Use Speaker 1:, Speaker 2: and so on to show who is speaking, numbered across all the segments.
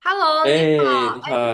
Speaker 1: Hello，你
Speaker 2: 哎，
Speaker 1: 好。
Speaker 2: 你好。
Speaker 1: 哎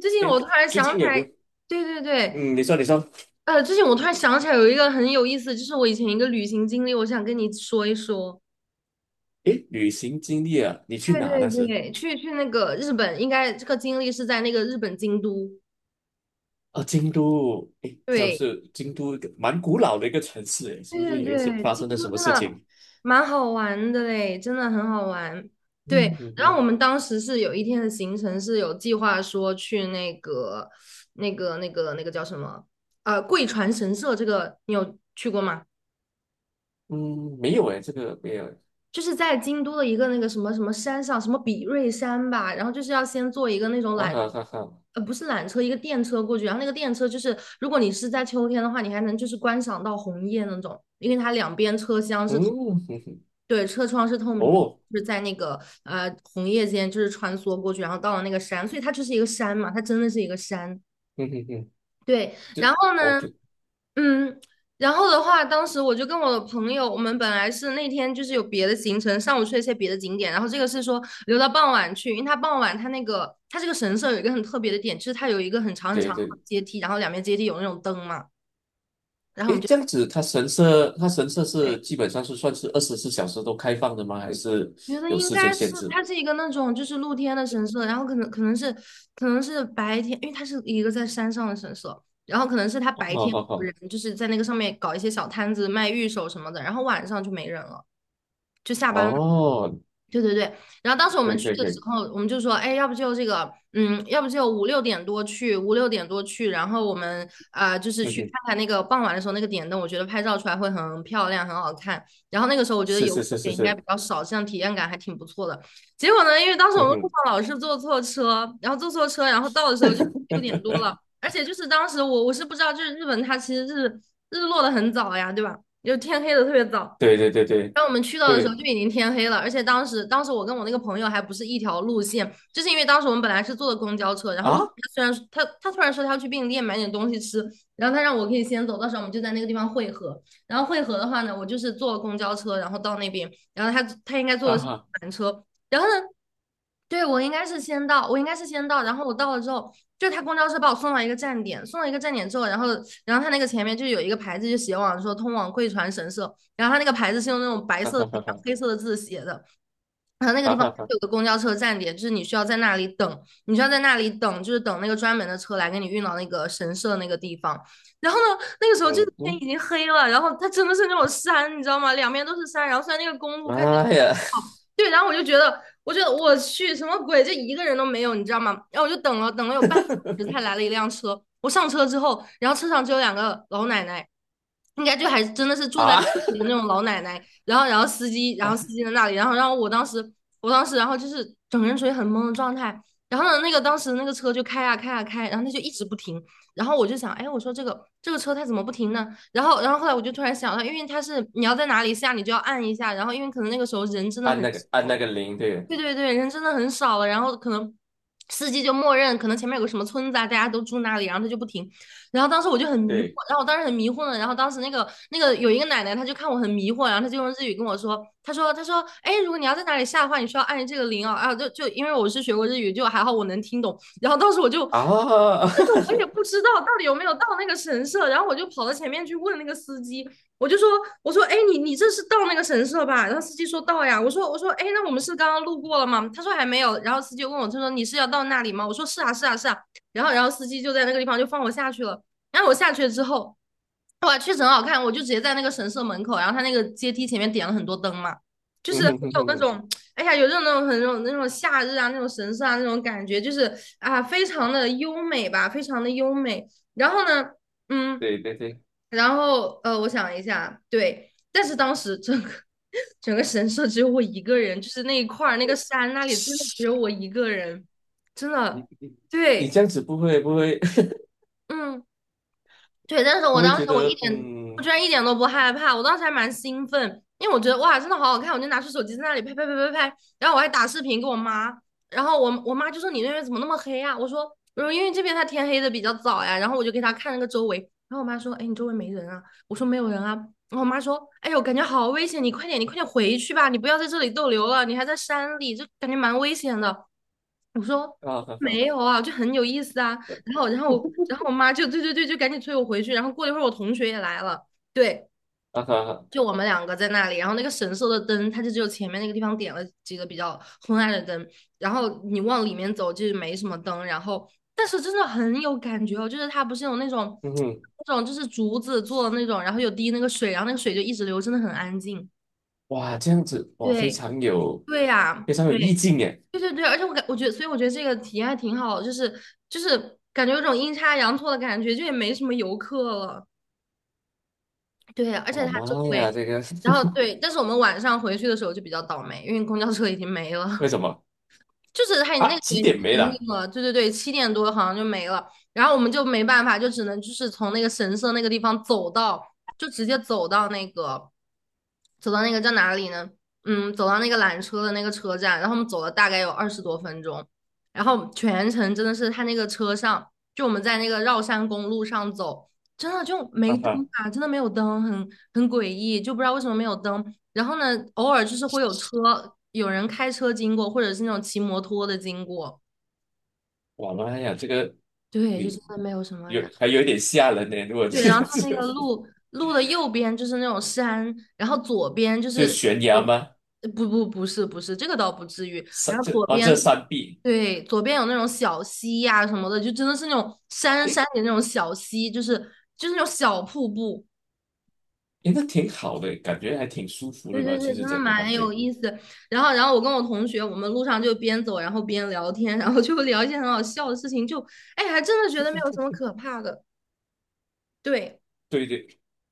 Speaker 1: 最近
Speaker 2: 哎，
Speaker 1: 我突然
Speaker 2: 最
Speaker 1: 想
Speaker 2: 近
Speaker 1: 起
Speaker 2: 有
Speaker 1: 来，
Speaker 2: 没有？
Speaker 1: 对对对，
Speaker 2: 嗯，你说，你说。
Speaker 1: 最近我突然想起来有一个很有意思，就是我以前一个旅行经历，我想跟你说一说。
Speaker 2: 哎，旅行经历啊，你去
Speaker 1: 对
Speaker 2: 哪那
Speaker 1: 对
Speaker 2: 时？
Speaker 1: 对，去那个日本，应该这个经历是在那个日本京都。
Speaker 2: 啊，京都，哎，它
Speaker 1: 对，
Speaker 2: 是京都一个蛮古老的一个城市，哎，是
Speaker 1: 对
Speaker 2: 不是
Speaker 1: 对
Speaker 2: 有一些
Speaker 1: 对，
Speaker 2: 发
Speaker 1: 京
Speaker 2: 生了什
Speaker 1: 都
Speaker 2: 么
Speaker 1: 真
Speaker 2: 事
Speaker 1: 的
Speaker 2: 情？
Speaker 1: 蛮好玩的嘞，真的很好玩。对，
Speaker 2: 嗯嗯
Speaker 1: 然后我
Speaker 2: 嗯。
Speaker 1: 们当时是有一天的行程是有计划说去那个叫什么？贵船神社，这个你有去过吗？
Speaker 2: 嗯，没有哎，这个没有。
Speaker 1: 就是在京都的一个那个什么什么山上，什么比瑞山吧，然后就是要先坐一个那种
Speaker 2: 啊
Speaker 1: 缆，
Speaker 2: 哈哈哈。
Speaker 1: 不是缆车，一个电车过去，然后那个电车就是，如果你是在秋天的话，你还能就是观赏到红叶那种，因为它两边车厢是
Speaker 2: 嗯哼哼。
Speaker 1: 对，车窗是透明，
Speaker 2: 哦。
Speaker 1: 就是在那个红叶间就是穿梭过去，然后到了那个山，所以它就是一个山嘛，它真的是一个山。
Speaker 2: 嗯哼哼。
Speaker 1: 对，
Speaker 2: 这
Speaker 1: 然后呢，
Speaker 2: OK。
Speaker 1: 嗯，然后的话，当时我就跟我的朋友，我们本来是那天就是有别的行程，上午去了一些别的景点，然后这个是说留到傍晚去，因为它傍晚它那个它这个神社有一个很特别的点，就是它有一个很长很长
Speaker 2: 对
Speaker 1: 的
Speaker 2: 对。
Speaker 1: 阶梯，然后两边阶梯有那种灯嘛，然后我
Speaker 2: 哎，
Speaker 1: 们就
Speaker 2: 这样子，它神社是基本上是算是24小时都开放的吗？还是
Speaker 1: 觉得
Speaker 2: 有
Speaker 1: 应
Speaker 2: 时间
Speaker 1: 该是
Speaker 2: 限制？
Speaker 1: 它是一个那种就是露天的神社，然后可能是白天，因为它是一个在山上的神社，然后可能是它
Speaker 2: 哦
Speaker 1: 白
Speaker 2: 好
Speaker 1: 天
Speaker 2: 好
Speaker 1: 有
Speaker 2: 好。
Speaker 1: 人就是在那个上面搞一些小摊子卖玉手什么的，然后晚上就没人了，就下班。
Speaker 2: 哦，
Speaker 1: 对对对，然后当时我
Speaker 2: 可
Speaker 1: 们
Speaker 2: 以
Speaker 1: 去
Speaker 2: 可以
Speaker 1: 的
Speaker 2: 可
Speaker 1: 时
Speaker 2: 以。
Speaker 1: 候，我们就说，哎，要不就这个，嗯，要不就五六点多去，五六点多去，然后我们啊、就是
Speaker 2: 嗯
Speaker 1: 去看
Speaker 2: 哼。
Speaker 1: 看那个傍晚的时候那个点灯，我觉得拍照出来会很漂亮，很好看。然后那个时候我觉得
Speaker 2: 是
Speaker 1: 游
Speaker 2: 是
Speaker 1: 客
Speaker 2: 是
Speaker 1: 也
Speaker 2: 是
Speaker 1: 应该比
Speaker 2: 是。
Speaker 1: 较少，这样体验感还挺不错的。结果呢，因为当时我
Speaker 2: 嗯
Speaker 1: 们路
Speaker 2: 哼。
Speaker 1: 上老是坐错车，然后坐错车，然后到的时候就六点多 了，而且就是当时我是不知道，就是日本它其实是日落的很早呀，对吧？就天黑的特别早。
Speaker 2: 对对对对
Speaker 1: 当我们去到的时候
Speaker 2: 对
Speaker 1: 就已经天黑了，而且当时我跟我那个朋友还不是一条路线，就是因为当时我们本来是坐的公交车，然后路
Speaker 2: 啊。
Speaker 1: 他虽然说他突然说他要去便利店买点东西吃，然后他让我可以先走，到时候我们就在那个地方汇合。然后汇合的话呢，我就是坐了公交车，然后到那边，然后他应该坐
Speaker 2: 啊
Speaker 1: 的是
Speaker 2: 哈
Speaker 1: 缆车，然后呢，对我应该是先到，我应该是先到，然后我到了之后，就他公交车把我送到一个站点，送到一个站点之后，然后他那个前面就有一个牌子就写往说通往贵船神社。然后它那个牌子是用那种白
Speaker 2: 啊
Speaker 1: 色的
Speaker 2: 哈
Speaker 1: 底
Speaker 2: 哈
Speaker 1: 啊，然后
Speaker 2: 哈
Speaker 1: 黑色的字写的。然后那个地
Speaker 2: 啊
Speaker 1: 方
Speaker 2: 哈哈。
Speaker 1: 有个公交车站点，就是你需要在那里等，你需要在那里等，就是等那个专门的车来给你运到那个神社那个地方。然后呢，那个时候就是
Speaker 2: 嗯
Speaker 1: 天
Speaker 2: 嗯，
Speaker 1: 已经黑了，然后它真的是那种山，你知道吗？两边都是山，然后虽然那个公路
Speaker 2: 妈呀。
Speaker 1: 对，然后我就觉得，我觉得我去什么鬼，这一个人都没有，你知道吗？然后我就等了有半个小时，才 来了一辆车。我上车之后，然后车上只有两个老奶奶，应该就还真的是住在市
Speaker 2: 啊
Speaker 1: 里的那种老奶奶。然后，然后司机，然后司
Speaker 2: 啊
Speaker 1: 机在那里，然后，然后我当时，我当时，然后就是整个人处于很懵的状态。然后呢，那个当时那个车就开啊开啊开，然后它就一直不停。然后我就想，哎，我说这个车它怎么不停呢？然后后来我就突然想到，因为它是你要在哪里下，你就要按一下。然后，因为可能那个时候人真的很
Speaker 2: 按那个铃。对。
Speaker 1: 对对对，人真的很少了，然后可能司机就默认，可能前面有个什么村子啊，大家都住那里，然后他就不停。然后当时我就很迷惑，
Speaker 2: 对
Speaker 1: 然后我当时很迷惑呢，然后当时那个有一个奶奶，她就看我很迷惑，然后她就用日语跟我说，她说，哎，如果你要在哪里下的话，你需要按这个铃哦，啊，就因为我是学过日语，就还好我能听懂。然后当时我就，就
Speaker 2: 啊。
Speaker 1: 是我也不知道到底有没有到那个神社，然后我就跑到前面去问那个司机，我就说，我说，哎，你这是到那个神社吧？然后司机说到呀。我说，哎，那我们是刚刚路过了吗？他说还没有。然后司机问我，他说你是要到那里吗？我说是啊，是啊，是啊。然后司机就在那个地方就放我下去了。然后我下去了之后，哇，确实很好看。我就直接在那个神社门口，然后他那个阶梯前面点了很多灯嘛，就是
Speaker 2: 嗯
Speaker 1: 有
Speaker 2: 哼哼哼
Speaker 1: 那
Speaker 2: 哼。
Speaker 1: 种，哎呀，有这种那种很那种夏日啊，那种神社啊那种感觉，就是啊，非常的优美吧，非常的优美。然后呢，嗯。
Speaker 2: 对对对。
Speaker 1: 然后我想一下，对，但是当时整个 整个神社只有我一个人，就是那一块儿那个山那里真的只有我一个人，真
Speaker 2: 你
Speaker 1: 的，
Speaker 2: 你你
Speaker 1: 对，
Speaker 2: 这样子不会不会
Speaker 1: 嗯。对，但是
Speaker 2: 不会觉得
Speaker 1: 我居
Speaker 2: 嗯。
Speaker 1: 然一点都不害怕，我当时还蛮兴奋，因为我觉得哇，真的好好看，我就拿出手机在那里拍拍拍拍拍，然后我还打视频给我妈，然后我妈就说你那边怎么那么黑啊？我说因为这边它天黑的比较早呀，然后我就给她看那个周围，然后我妈说哎你周围没人啊？我说没有人啊，然后我妈说哎呦感觉好危险，你快点回去吧，你不要在这里逗留了，你还在山里，就感觉蛮危险的。我说
Speaker 2: 啊哈哈。
Speaker 1: 没有 啊，就很有意思啊。然后我妈就对对对，就赶紧催我回去。然后过了一会儿，我同学也来了，对，
Speaker 2: 啊哈哈。
Speaker 1: 就我们两个在那里。然后那个神社的灯，它就只有前面那个地方点了几个比较昏暗的灯，然后你往里面走就没什么灯。然后，但是真的很有感觉哦，就是它不是有那种
Speaker 2: 嗯哼。
Speaker 1: 就是竹子做的那种，然后有滴那个水，然后那个水就一直流，真的很安静。
Speaker 2: 哇，这样子，哇，
Speaker 1: 对，对呀、
Speaker 2: 非常有
Speaker 1: 对。
Speaker 2: 意境耶。
Speaker 1: 对对对，而且我觉得，所以我觉得这个体验还挺好的，就是感觉有种阴差阳错的感觉，就也没什么游客了。对，而且
Speaker 2: 哇，
Speaker 1: 它周
Speaker 2: 妈
Speaker 1: 围，
Speaker 2: 呀，这个。
Speaker 1: 然后对，但是我们晚上回去的时候就比较倒霉，因为公交车已经没 了。
Speaker 2: 为什么
Speaker 1: 就是他那
Speaker 2: 啊？
Speaker 1: 个
Speaker 2: 几
Speaker 1: 年龄
Speaker 2: 点没
Speaker 1: 停
Speaker 2: 了？
Speaker 1: 运了，对对对，七点多好像就没了，然后我们就没办法，就只能就是从那个神社那个地方走到，就直接走到那个，走到那个叫哪里呢？走到那个缆车的那个车站，然后我们走了大概有二十多分钟，然后全程真的是他那个车上，就我们在那个绕山公路上走，真的就没
Speaker 2: 哈
Speaker 1: 灯
Speaker 2: 哈。
Speaker 1: 啊，真的没有灯，很诡异，就不知道为什么没有灯。然后呢，偶尔就是会有车，有人开车经过，或者是那种骑摩托的经过。
Speaker 2: 哇，妈呀，这个
Speaker 1: 对，就真
Speaker 2: 你
Speaker 1: 的没有什么
Speaker 2: 有
Speaker 1: 人。
Speaker 2: 还有一点吓人呢。如果
Speaker 1: 对，
Speaker 2: 这
Speaker 1: 然后
Speaker 2: 个是。
Speaker 1: 它那个 路的右边就是那种山，然后左边就
Speaker 2: 就
Speaker 1: 是
Speaker 2: 悬
Speaker 1: 我，
Speaker 2: 崖吗？
Speaker 1: 呃不不不是不是，这个倒不至于。
Speaker 2: 山
Speaker 1: 然后
Speaker 2: 这
Speaker 1: 左
Speaker 2: 啊这
Speaker 1: 边是
Speaker 2: 山壁。
Speaker 1: 对，左边有那种小溪呀、什么的，就真的是那种山山
Speaker 2: 诶
Speaker 1: 里那种小溪，就是那种小瀑布。
Speaker 2: 诶。那挺好的，感觉还挺舒服
Speaker 1: 对
Speaker 2: 的
Speaker 1: 对
Speaker 2: 吧？
Speaker 1: 对，
Speaker 2: 其实
Speaker 1: 真的
Speaker 2: 整个环
Speaker 1: 蛮有
Speaker 2: 境，
Speaker 1: 意思。然后我跟我同学，我们路上就边走，然后边聊天，然后就聊一些很好笑的事情，就，哎，还真的觉得没有什么可怕的。对
Speaker 2: 对对。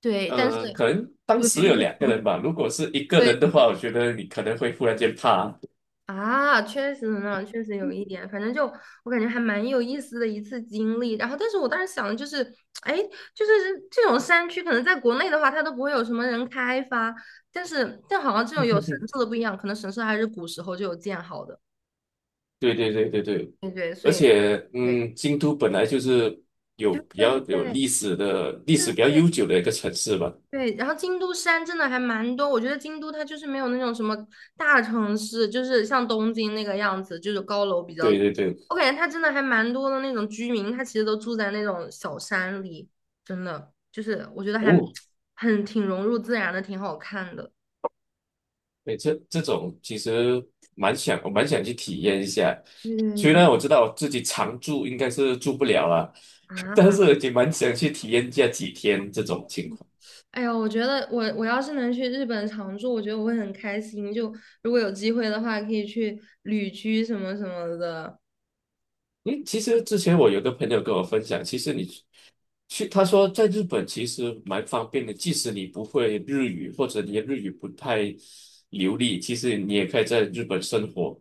Speaker 1: 对，但是
Speaker 2: 可能当
Speaker 1: 对
Speaker 2: 时有两个 人吧。如果是一个
Speaker 1: 对
Speaker 2: 人的话，我觉得你可能会忽然间怕。
Speaker 1: 啊，确实呢，确实有一点，反正就我感觉还蛮有意思的一次经历。然后，但是我当时想的就是，哎，就是这种山区，可能在国内的话，它都不会有什么人开发，但好像这种有神社的不一样，可能神社还是古时候就有建好的。
Speaker 2: 对对对对对。
Speaker 1: 对对，所
Speaker 2: 而
Speaker 1: 以。
Speaker 2: 且，
Speaker 1: 对。
Speaker 2: 嗯，京都本来就是有
Speaker 1: 对
Speaker 2: 比
Speaker 1: 对
Speaker 2: 较
Speaker 1: 对对
Speaker 2: 有
Speaker 1: 对
Speaker 2: 历史的历史比较
Speaker 1: 对
Speaker 2: 悠久的一个城市吧。
Speaker 1: 对，然后京都山真的还蛮多，我觉得京都它就是没有那种什么大城市，就是像东京那个样子，就是高楼比较，
Speaker 2: 对对对。
Speaker 1: 我感觉它真的还蛮多的那种居民，他其实都住在那种小山里，真的就是我觉得还
Speaker 2: 哦。
Speaker 1: 很挺融入自然的，挺好看的。
Speaker 2: 哎，这种其实我蛮想去体验一下。
Speaker 1: 对对对
Speaker 2: 虽
Speaker 1: 对
Speaker 2: 然我知道我自己常住应该是住不了了。但
Speaker 1: 啊。
Speaker 2: 是也蛮想去体验一下几天这种情况。
Speaker 1: 哎呦，我觉得我要是能去日本常住，我觉得我会很开心。就如果有机会的话，可以去旅居什么什么的。
Speaker 2: 因为其实之前我有个朋友跟我分享，其实你去，他说在日本其实蛮方便的，即使你不会日语或者你的日语不太流利，其实你也可以在日本生活。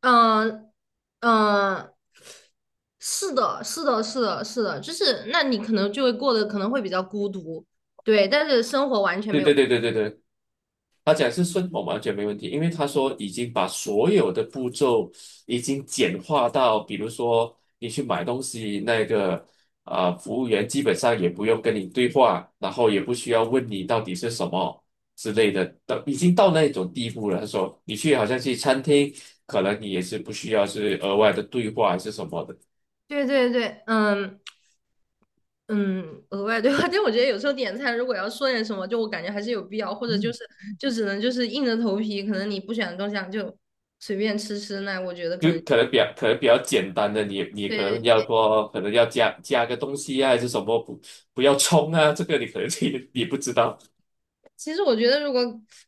Speaker 1: 嗯嗯，是的，是的，是的，是的，就是那你可能就会过得可能会比较孤独，对，但是生活完全没
Speaker 2: 对
Speaker 1: 有。
Speaker 2: 对对对对对。他讲是顺我完全没问题，因为他说已经把所有的步骤已经简化到，比如说你去买东西，服务员基本上也不用跟你对话，然后也不需要问你到底是什么之类的，到已经到那种地步了。他说你去好像去餐厅，可能你也是不需要是额外的对话还是什么的。
Speaker 1: 对对对，嗯嗯，额外对话，但我觉得有时候点菜如果要说点什么，就我感觉还是有必要，或者就只能就是硬着头皮，可能你不喜欢的东西啊就随便吃吃，那我觉得可
Speaker 2: 就
Speaker 1: 能
Speaker 2: 可能比较简单的，你你
Speaker 1: 对
Speaker 2: 可能
Speaker 1: 对
Speaker 2: 要说可能要加个东西啊，还是什么不要冲啊，这个你可能 你不知道。
Speaker 1: 其实我觉得，如果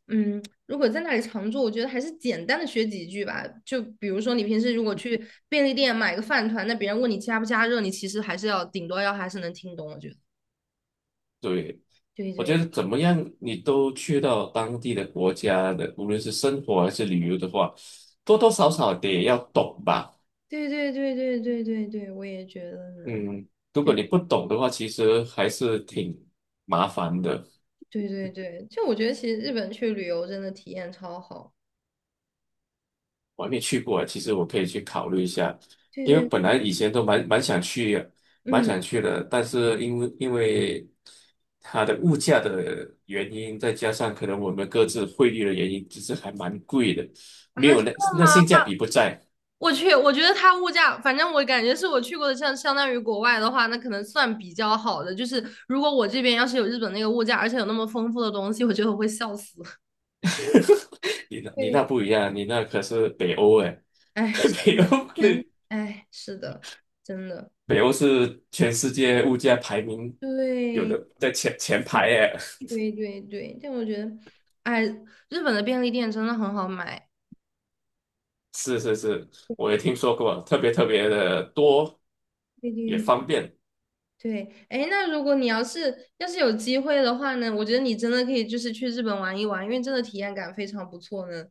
Speaker 1: 嗯，如果在那里常住，我觉得还是简单的学几句吧。就比如说，你平时如果去便利店买个饭团，那别人问你加不加热，你其实还是要顶多要还是能听懂。我觉得，
Speaker 2: 对，
Speaker 1: 对
Speaker 2: 我觉
Speaker 1: 对
Speaker 2: 得怎么样，你都去到当地的国家的，无论是生活还是旅游的话，多多少少得要懂吧。
Speaker 1: 对对对对对对对，我也觉得呢。
Speaker 2: 嗯，如果
Speaker 1: 对
Speaker 2: 你不懂的话，其实还是挺麻烦的。
Speaker 1: 对对对，就我觉得其实日本去旅游真的体验超好。
Speaker 2: 我还没去过，其实我可以去考虑一下，
Speaker 1: 对
Speaker 2: 因为
Speaker 1: 对，
Speaker 2: 本来以前都蛮
Speaker 1: 嗯
Speaker 2: 想去的，但是因为它的物价的原因，再加上可能我们各自汇率的原因，其实还蛮贵的，
Speaker 1: 啊，
Speaker 2: 没
Speaker 1: 真
Speaker 2: 有那
Speaker 1: 的吗？
Speaker 2: 那性价比不在。
Speaker 1: 我去，我觉得它物价，反正我感觉是我去过的，像相当于国外的话，那可能算比较好的。就是如果我这边要是有日本那个物价，而且有那么丰富的东西，我觉得我会笑死。
Speaker 2: 你那
Speaker 1: 对，
Speaker 2: 不一样，你那可是北欧哎。
Speaker 1: 哎，是
Speaker 2: 北欧
Speaker 1: 的，天，
Speaker 2: 的
Speaker 1: 哎，是的，真的，
Speaker 2: 北欧是全世界物价排名有
Speaker 1: 对，
Speaker 2: 的在前排
Speaker 1: 嗯
Speaker 2: 哎。
Speaker 1: 对对对，但我觉得，哎，日本的便利店真的很好买。
Speaker 2: 是是是，我也听说过，特别特别的多，
Speaker 1: 对
Speaker 2: 也
Speaker 1: 对对，
Speaker 2: 方便。
Speaker 1: 对，哎，那如果你要是有机会的话呢，我觉得你真的可以就是去日本玩一玩，因为真的体验感非常不错呢。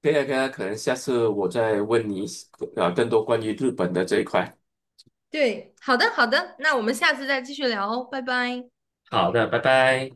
Speaker 2: 这个呢可以啊可能下次我再问你啊更多关于日本的这一块。
Speaker 1: 对，好的，好的，那我们下次再继续聊哦，拜拜。
Speaker 2: 好的，拜拜。